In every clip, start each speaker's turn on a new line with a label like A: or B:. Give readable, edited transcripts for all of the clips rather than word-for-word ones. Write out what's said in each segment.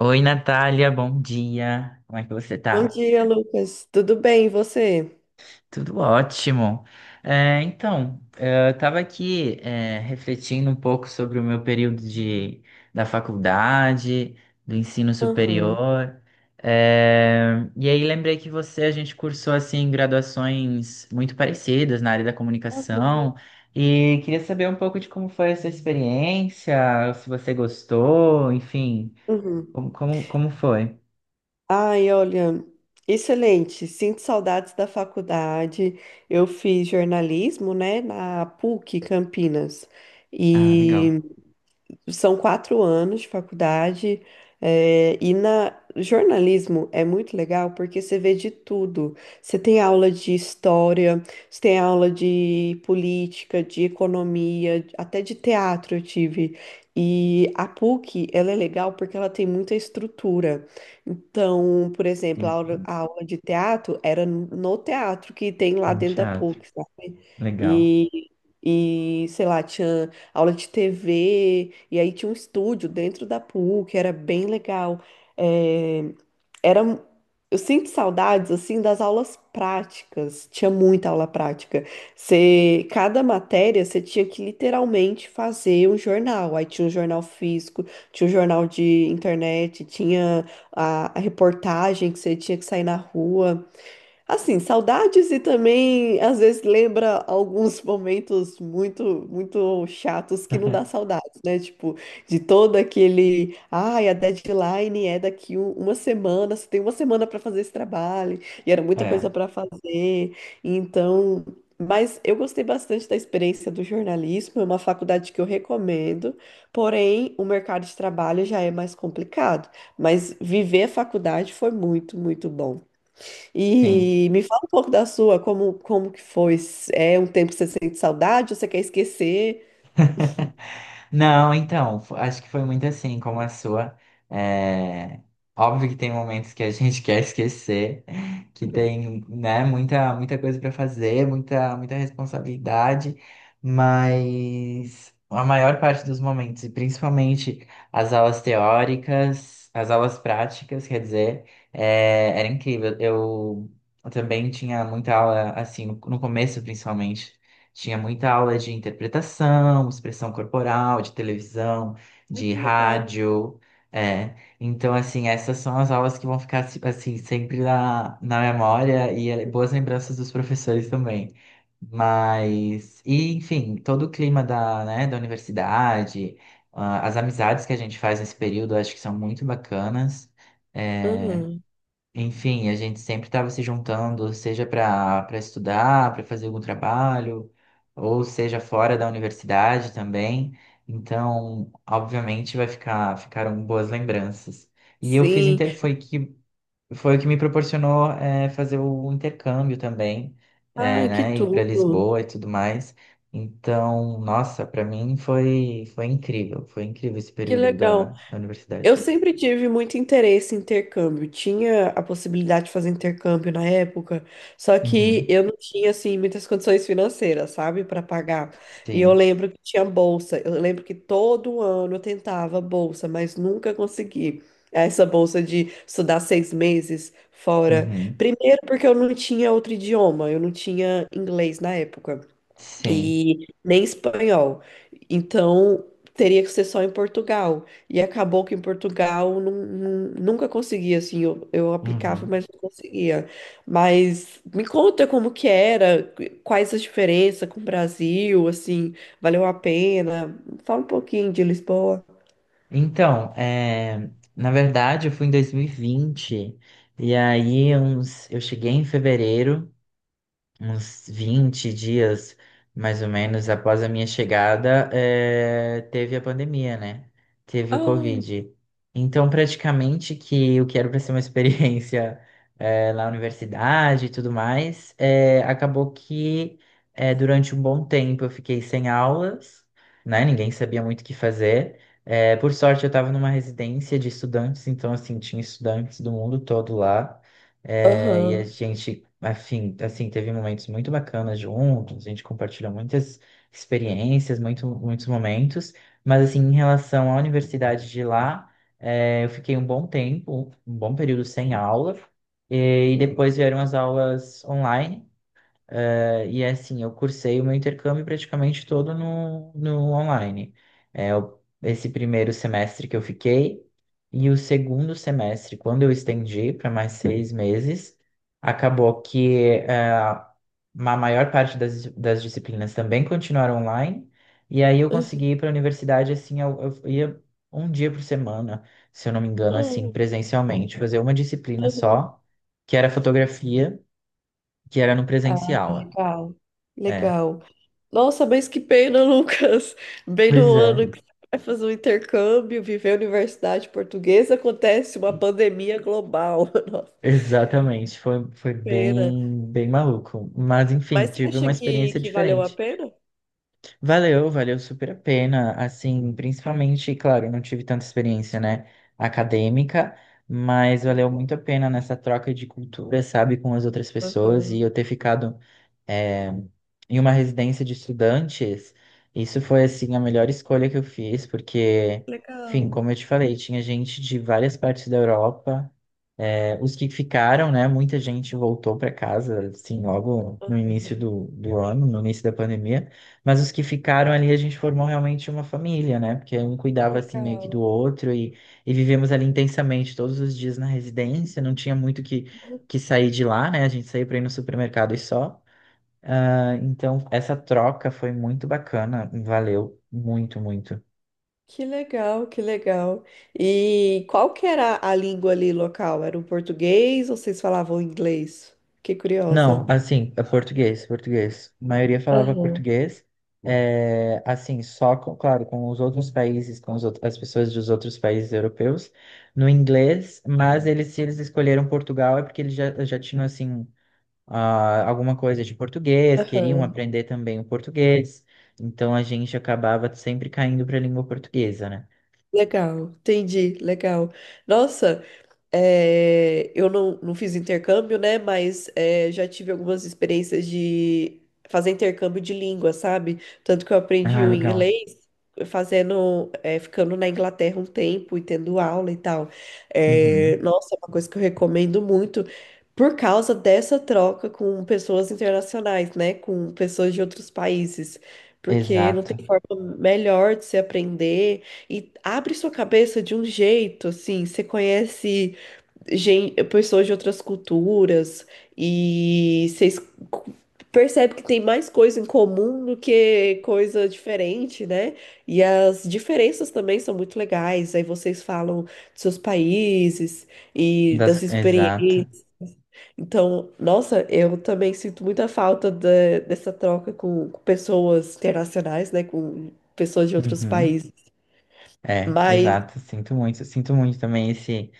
A: Oi, Natália, bom dia. Como é que você
B: Bom
A: tá?
B: dia, Lucas. Tudo bem, e você?
A: Tudo ótimo. É, então, é, eu estava aqui, é, refletindo um pouco sobre o meu período da faculdade, do ensino
B: Aham.
A: superior. É, e aí lembrei que a gente cursou assim graduações muito parecidas na área da
B: Uhum.
A: comunicação. E queria saber um pouco de como foi essa experiência, se você gostou, enfim,
B: Uhum.
A: como foi?
B: Ai, olha, excelente. Sinto saudades da faculdade. Eu fiz jornalismo, né, na PUC Campinas.
A: Ah, legal.
B: E São 4 anos de faculdade, e na jornalismo é muito legal porque você vê de tudo. Você tem aula de história, você tem aula de política, de economia, até de teatro eu tive. E a PUC, ela é legal porque ela tem muita estrutura. Então, por exemplo, a aula,
A: Uhum.
B: a aula de teatro era no teatro que tem lá
A: No
B: dentro da
A: teatro.
B: PUC, sabe?
A: Legal.
B: E, e sei lá, tinha aula de TV, e aí tinha um estúdio dentro da PUC, era bem legal. É, era, eu sinto saudades, assim, das aulas práticas, tinha muita aula prática. Você, cada matéria, você tinha que literalmente fazer um jornal, aí tinha um jornal físico, tinha um jornal de internet, tinha a reportagem que você tinha que sair na rua. Assim, saudades, e também às vezes lembra alguns momentos muito, muito chatos que não dá saudades, né? Tipo, de todo aquele, ai, a deadline é daqui uma semana, você tem uma semana para fazer esse trabalho, e era muita coisa
A: É,
B: para fazer. Então, mas eu gostei bastante da experiência do jornalismo, é uma faculdade que eu recomendo, porém, o mercado de trabalho já é mais complicado, mas viver a faculdade foi muito, muito bom.
A: tem.
B: E me fala um pouco da sua. Como que foi? É um tempo que você sente saudade ou você quer esquecer?
A: Não, então, acho que foi muito assim como a sua. É, óbvio que tem momentos que a gente quer esquecer, que tem, né, muita, muita coisa para fazer, muita, muita responsabilidade, mas a maior parte dos momentos, e principalmente as aulas teóricas, as aulas práticas, quer dizer, é, era incrível. Eu também tinha muita aula, assim, no começo, principalmente. Tinha muita aula de interpretação, expressão corporal, de televisão,
B: Ai,
A: de
B: que legal.
A: rádio. É. Então, assim, essas são as aulas que vão ficar, assim, sempre na memória e boas lembranças dos professores também. Mas, enfim, todo o clima da, né, da universidade, ah, as amizades que a gente faz nesse período, eu acho que são muito bacanas. É.
B: Aham.
A: Enfim, a gente sempre estava se juntando, seja para estudar, para fazer algum trabalho, ou seja fora da universidade também. Então, obviamente, vai ficar ficaram boas lembranças. E eu fiz
B: Sim.
A: inter foi que foi o que me proporcionou é, fazer o intercâmbio também, é,
B: Ai, que
A: né, ir para
B: tudo.
A: Lisboa e tudo mais. Então, nossa, para mim foi incrível, foi incrível esse
B: Que
A: período
B: legal.
A: da
B: Eu
A: universidade.
B: sempre tive muito interesse em intercâmbio. Tinha a possibilidade de fazer intercâmbio na época, só que
A: Uhum.
B: eu não tinha assim muitas condições financeiras, sabe, para pagar. E eu
A: Sim.
B: lembro que tinha bolsa. Eu lembro que todo ano eu tentava bolsa, mas nunca consegui. Essa bolsa de estudar 6 meses fora.
A: Uhum.
B: Primeiro, porque eu não tinha outro idioma, eu não tinha inglês na época
A: Sim.
B: e nem espanhol. Então, teria que ser só em Portugal. E acabou que em Portugal nunca conseguia, assim, eu aplicava,
A: Uhum.
B: mas não conseguia. Mas me conta como que era, quais as diferenças com o Brasil, assim, valeu a pena? Fala um pouquinho de Lisboa.
A: Então, é, na verdade, eu fui em 2020 e aí uns, eu cheguei em fevereiro, uns 20 dias, mais ou menos, após a minha chegada, teve a pandemia, né? Teve o
B: Ai,
A: Covid. Então, praticamente que o que era para ser uma experiência, na universidade e tudo mais, acabou que, durante um bom tempo eu fiquei sem aulas, né? Ninguém sabia muito o que fazer. Por sorte, eu estava numa residência de estudantes, então, assim, tinha estudantes do mundo todo lá. É, e a
B: aham.
A: gente, afim, assim, teve momentos muito bacanas juntos, a gente compartilhou muitas experiências, muitos momentos, mas assim, em relação à universidade de lá, é, eu fiquei um bom tempo, um bom período sem aula, e depois vieram as aulas online, e é assim, eu cursei o meu intercâmbio praticamente todo no online. É, esse primeiro semestre que eu fiquei, e o segundo semestre, quando eu estendi para mais 6 meses, acabou que é, a maior parte das disciplinas também continuaram online, e aí eu consegui ir para a universidade, assim, eu ia um dia por semana, se eu não me engano, assim, presencialmente, fazer uma disciplina só, que era fotografia, que era no
B: Ah,
A: presencial.
B: legal,
A: É.
B: legal. Nossa, mas que pena, Lucas. Bem no
A: Pois é,
B: ano que você vai fazer um intercâmbio, viver a universidade portuguesa, acontece uma pandemia global. Nossa,
A: exatamente. Foi
B: pena.
A: bem, bem maluco. Mas, enfim,
B: Mas você
A: tive
B: acha
A: uma
B: que,
A: experiência
B: que valeu a
A: diferente.
B: pena?
A: Valeu, valeu super a pena. Assim, principalmente, claro, eu não tive tanta experiência, né, acadêmica, mas valeu muito a pena nessa troca de cultura, sabe, com as outras pessoas
B: Aham,
A: e eu ter ficado eh, em uma residência de estudantes, isso foi assim a melhor escolha que eu fiz, porque, enfim,
B: legal.
A: como eu te falei, tinha gente de várias partes da Europa. Os que ficaram, né? Muita gente voltou para casa, assim, logo no início
B: Aham,
A: do ano, no início da pandemia. Mas os que ficaram ali, a gente formou realmente uma família, né? Porque um cuidava, assim, meio que do
B: legal.
A: outro e vivemos ali intensamente todos os dias na residência. Não tinha muito que sair de lá, né? A gente saía para ir no supermercado e só. Ah, então, essa troca foi muito bacana. Valeu muito, muito.
B: Que legal, que legal. E qual que era a língua ali local? Era o português ou vocês falavam inglês? Fiquei
A: Não,
B: curiosa.
A: assim, é português, português. A maioria falava
B: Aham,
A: português. É, assim, só, com, claro, com os outros países, as pessoas dos outros países europeus, no inglês, mas se eles escolheram Portugal é porque eles já tinham, assim, ah, alguma coisa de português, queriam
B: aham.
A: aprender também o português, então a gente acabava sempre caindo para a língua portuguesa, né?
B: Legal, entendi, legal. Nossa, eu não fiz intercâmbio, né? Mas já tive algumas experiências de fazer intercâmbio de língua, sabe? Tanto que eu aprendi
A: Ah,
B: o
A: legal.
B: inglês fazendo, ficando na Inglaterra um tempo e tendo aula e tal.
A: Uhum.
B: Nossa, é uma coisa que eu recomendo muito por causa dessa troca com pessoas internacionais, né? Com pessoas de outros países. Porque não
A: Exato.
B: tem forma melhor de se aprender, e abre sua cabeça de um jeito, assim, você conhece pessoas de outras culturas e vocês percebem que tem mais coisa em comum do que coisa diferente, né? E as diferenças também são muito legais. Aí vocês falam dos seus países e das
A: Exato.
B: experiências. Então, nossa, eu também sinto muita falta dessa troca com pessoas internacionais, né? Com pessoas de outros
A: Uhum.
B: países.
A: É,
B: Mas,
A: exato. Sinto muito também esse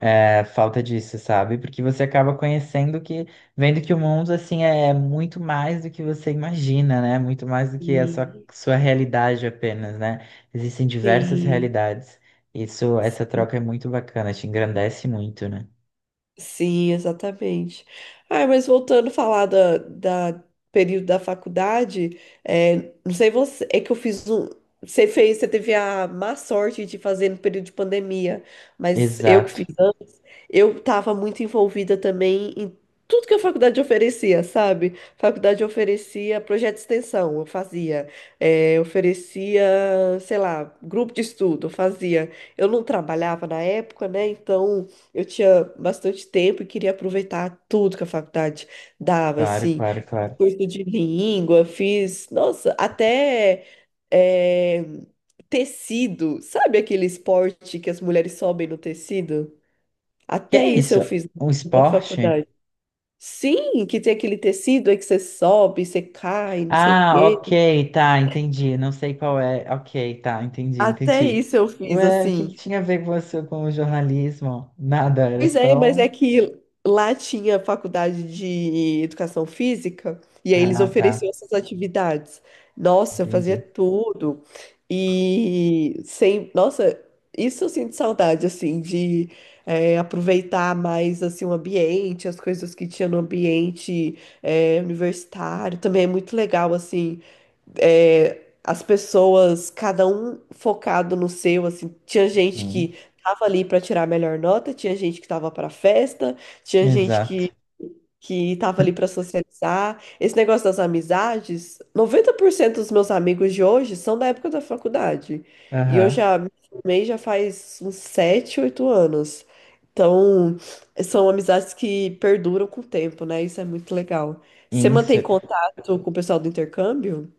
A: é, falta disso, sabe? Porque você acaba vendo que o mundo assim é muito mais do que você imagina, né? Muito mais do que a sua,
B: sim,
A: sua realidade apenas, né? Existem diversas
B: sim.
A: realidades. Isso, essa troca é muito bacana, te engrandece muito, né?
B: Sim, exatamente. Ah, mas voltando a falar da, da período da faculdade, não sei você, é que eu fiz um. Você fez, você teve a má sorte de fazer no período de pandemia, mas eu que
A: Exato.
B: fiz, eu estava muito envolvida também em tudo que a faculdade oferecia, sabe? A faculdade oferecia projeto de extensão, eu fazia. Oferecia, sei lá, grupo de estudo, eu fazia. Eu não trabalhava na época, né? Então eu tinha bastante tempo e queria aproveitar tudo que a faculdade dava,
A: Claro,
B: assim.
A: claro, claro.
B: Curso de língua, fiz, nossa, até. eh, Tecido, sabe aquele esporte que as mulheres sobem no tecido?
A: Que
B: Até
A: é
B: isso
A: isso?
B: eu fiz
A: Um
B: da
A: esporte?
B: faculdade. Sim, que tem aquele tecido aí que você sobe, você cai, não sei o
A: Ah,
B: quê.
A: ok, tá, entendi. Não sei qual é. Ok, tá, entendi,
B: Até
A: entendi.
B: isso eu fiz,
A: Ué, o que
B: assim.
A: que tinha a ver com você com o jornalismo? Nada, era
B: Pois é, mas
A: só.
B: é que lá tinha faculdade de educação física e aí eles
A: Ah, tá,
B: ofereciam essas atividades. Nossa, eu fazia
A: entendi.
B: tudo. E sem, nossa, isso eu sinto saudade, assim, de aproveitar mais assim o ambiente, as coisas que tinha no ambiente universitário. Também é muito legal assim, as pessoas, cada um focado no seu, assim, tinha gente
A: Uhum.
B: que tava ali para tirar a melhor nota, tinha gente que tava para festa, tinha gente
A: Exato.
B: que tava ali para socializar. Esse negócio das amizades, 90% dos meus amigos de hoje são da época da faculdade. E eu
A: Aham.
B: já me formei já faz uns 7 8 anos. Então, são amizades que perduram com o tempo, né? Isso é muito legal. Você
A: Isso.
B: mantém contato com o pessoal do intercâmbio?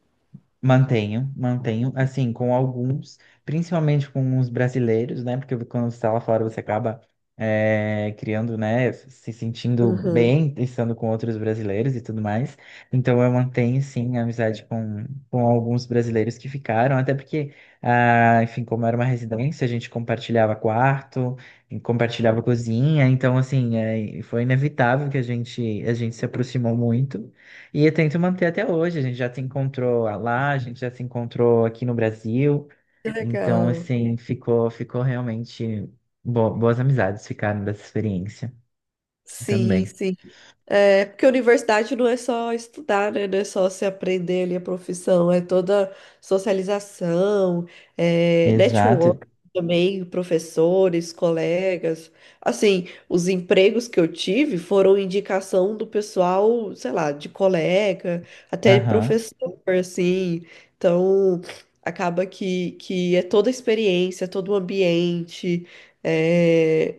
A: Mantenho, mantenho, assim, com alguns, principalmente com os brasileiros, né? Porque quando você está lá fora, você acaba criando, né? Se sentindo bem, estando com outros brasileiros e tudo mais. Então, eu mantenho, sim, a amizade com alguns brasileiros que ficaram, até porque, ah, enfim, como era uma residência, a gente compartilhava quarto, e compartilhava cozinha, então, assim, foi inevitável que a gente se aproximou muito. E eu tento manter até hoje. A gente já se encontrou lá, a gente já se encontrou aqui no Brasil.
B: Que
A: Então,
B: legal.
A: assim, ficou realmente boas amizades ficaram dessa experiência
B: Sim,
A: também.
B: sim. Porque a universidade não é só estudar, né? Não é só se aprender ali a profissão, é toda socialização,
A: Exato.
B: network também, professores, colegas. Assim, os empregos que eu tive foram indicação do pessoal, sei lá, de colega, até
A: Aham,
B: professor, assim. Então, acaba que, é toda a experiência, todo o ambiente. É,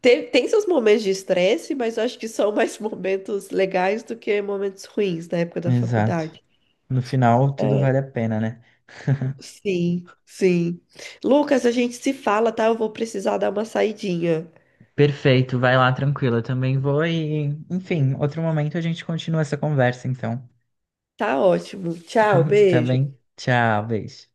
B: tem seus momentos de estresse, mas eu acho que são mais momentos legais do que momentos ruins na época da
A: exato.
B: faculdade.
A: No final, tudo vale a pena, né?
B: Sim, sim. Lucas, a gente se fala, tá? Eu vou precisar dar uma saidinha.
A: Perfeito, vai lá tranquila. Eu também vou e, enfim, outro momento a gente continua essa conversa, então.
B: Tá ótimo. Tchau,
A: Tá
B: beijo.
A: bem? Tchau, beijo.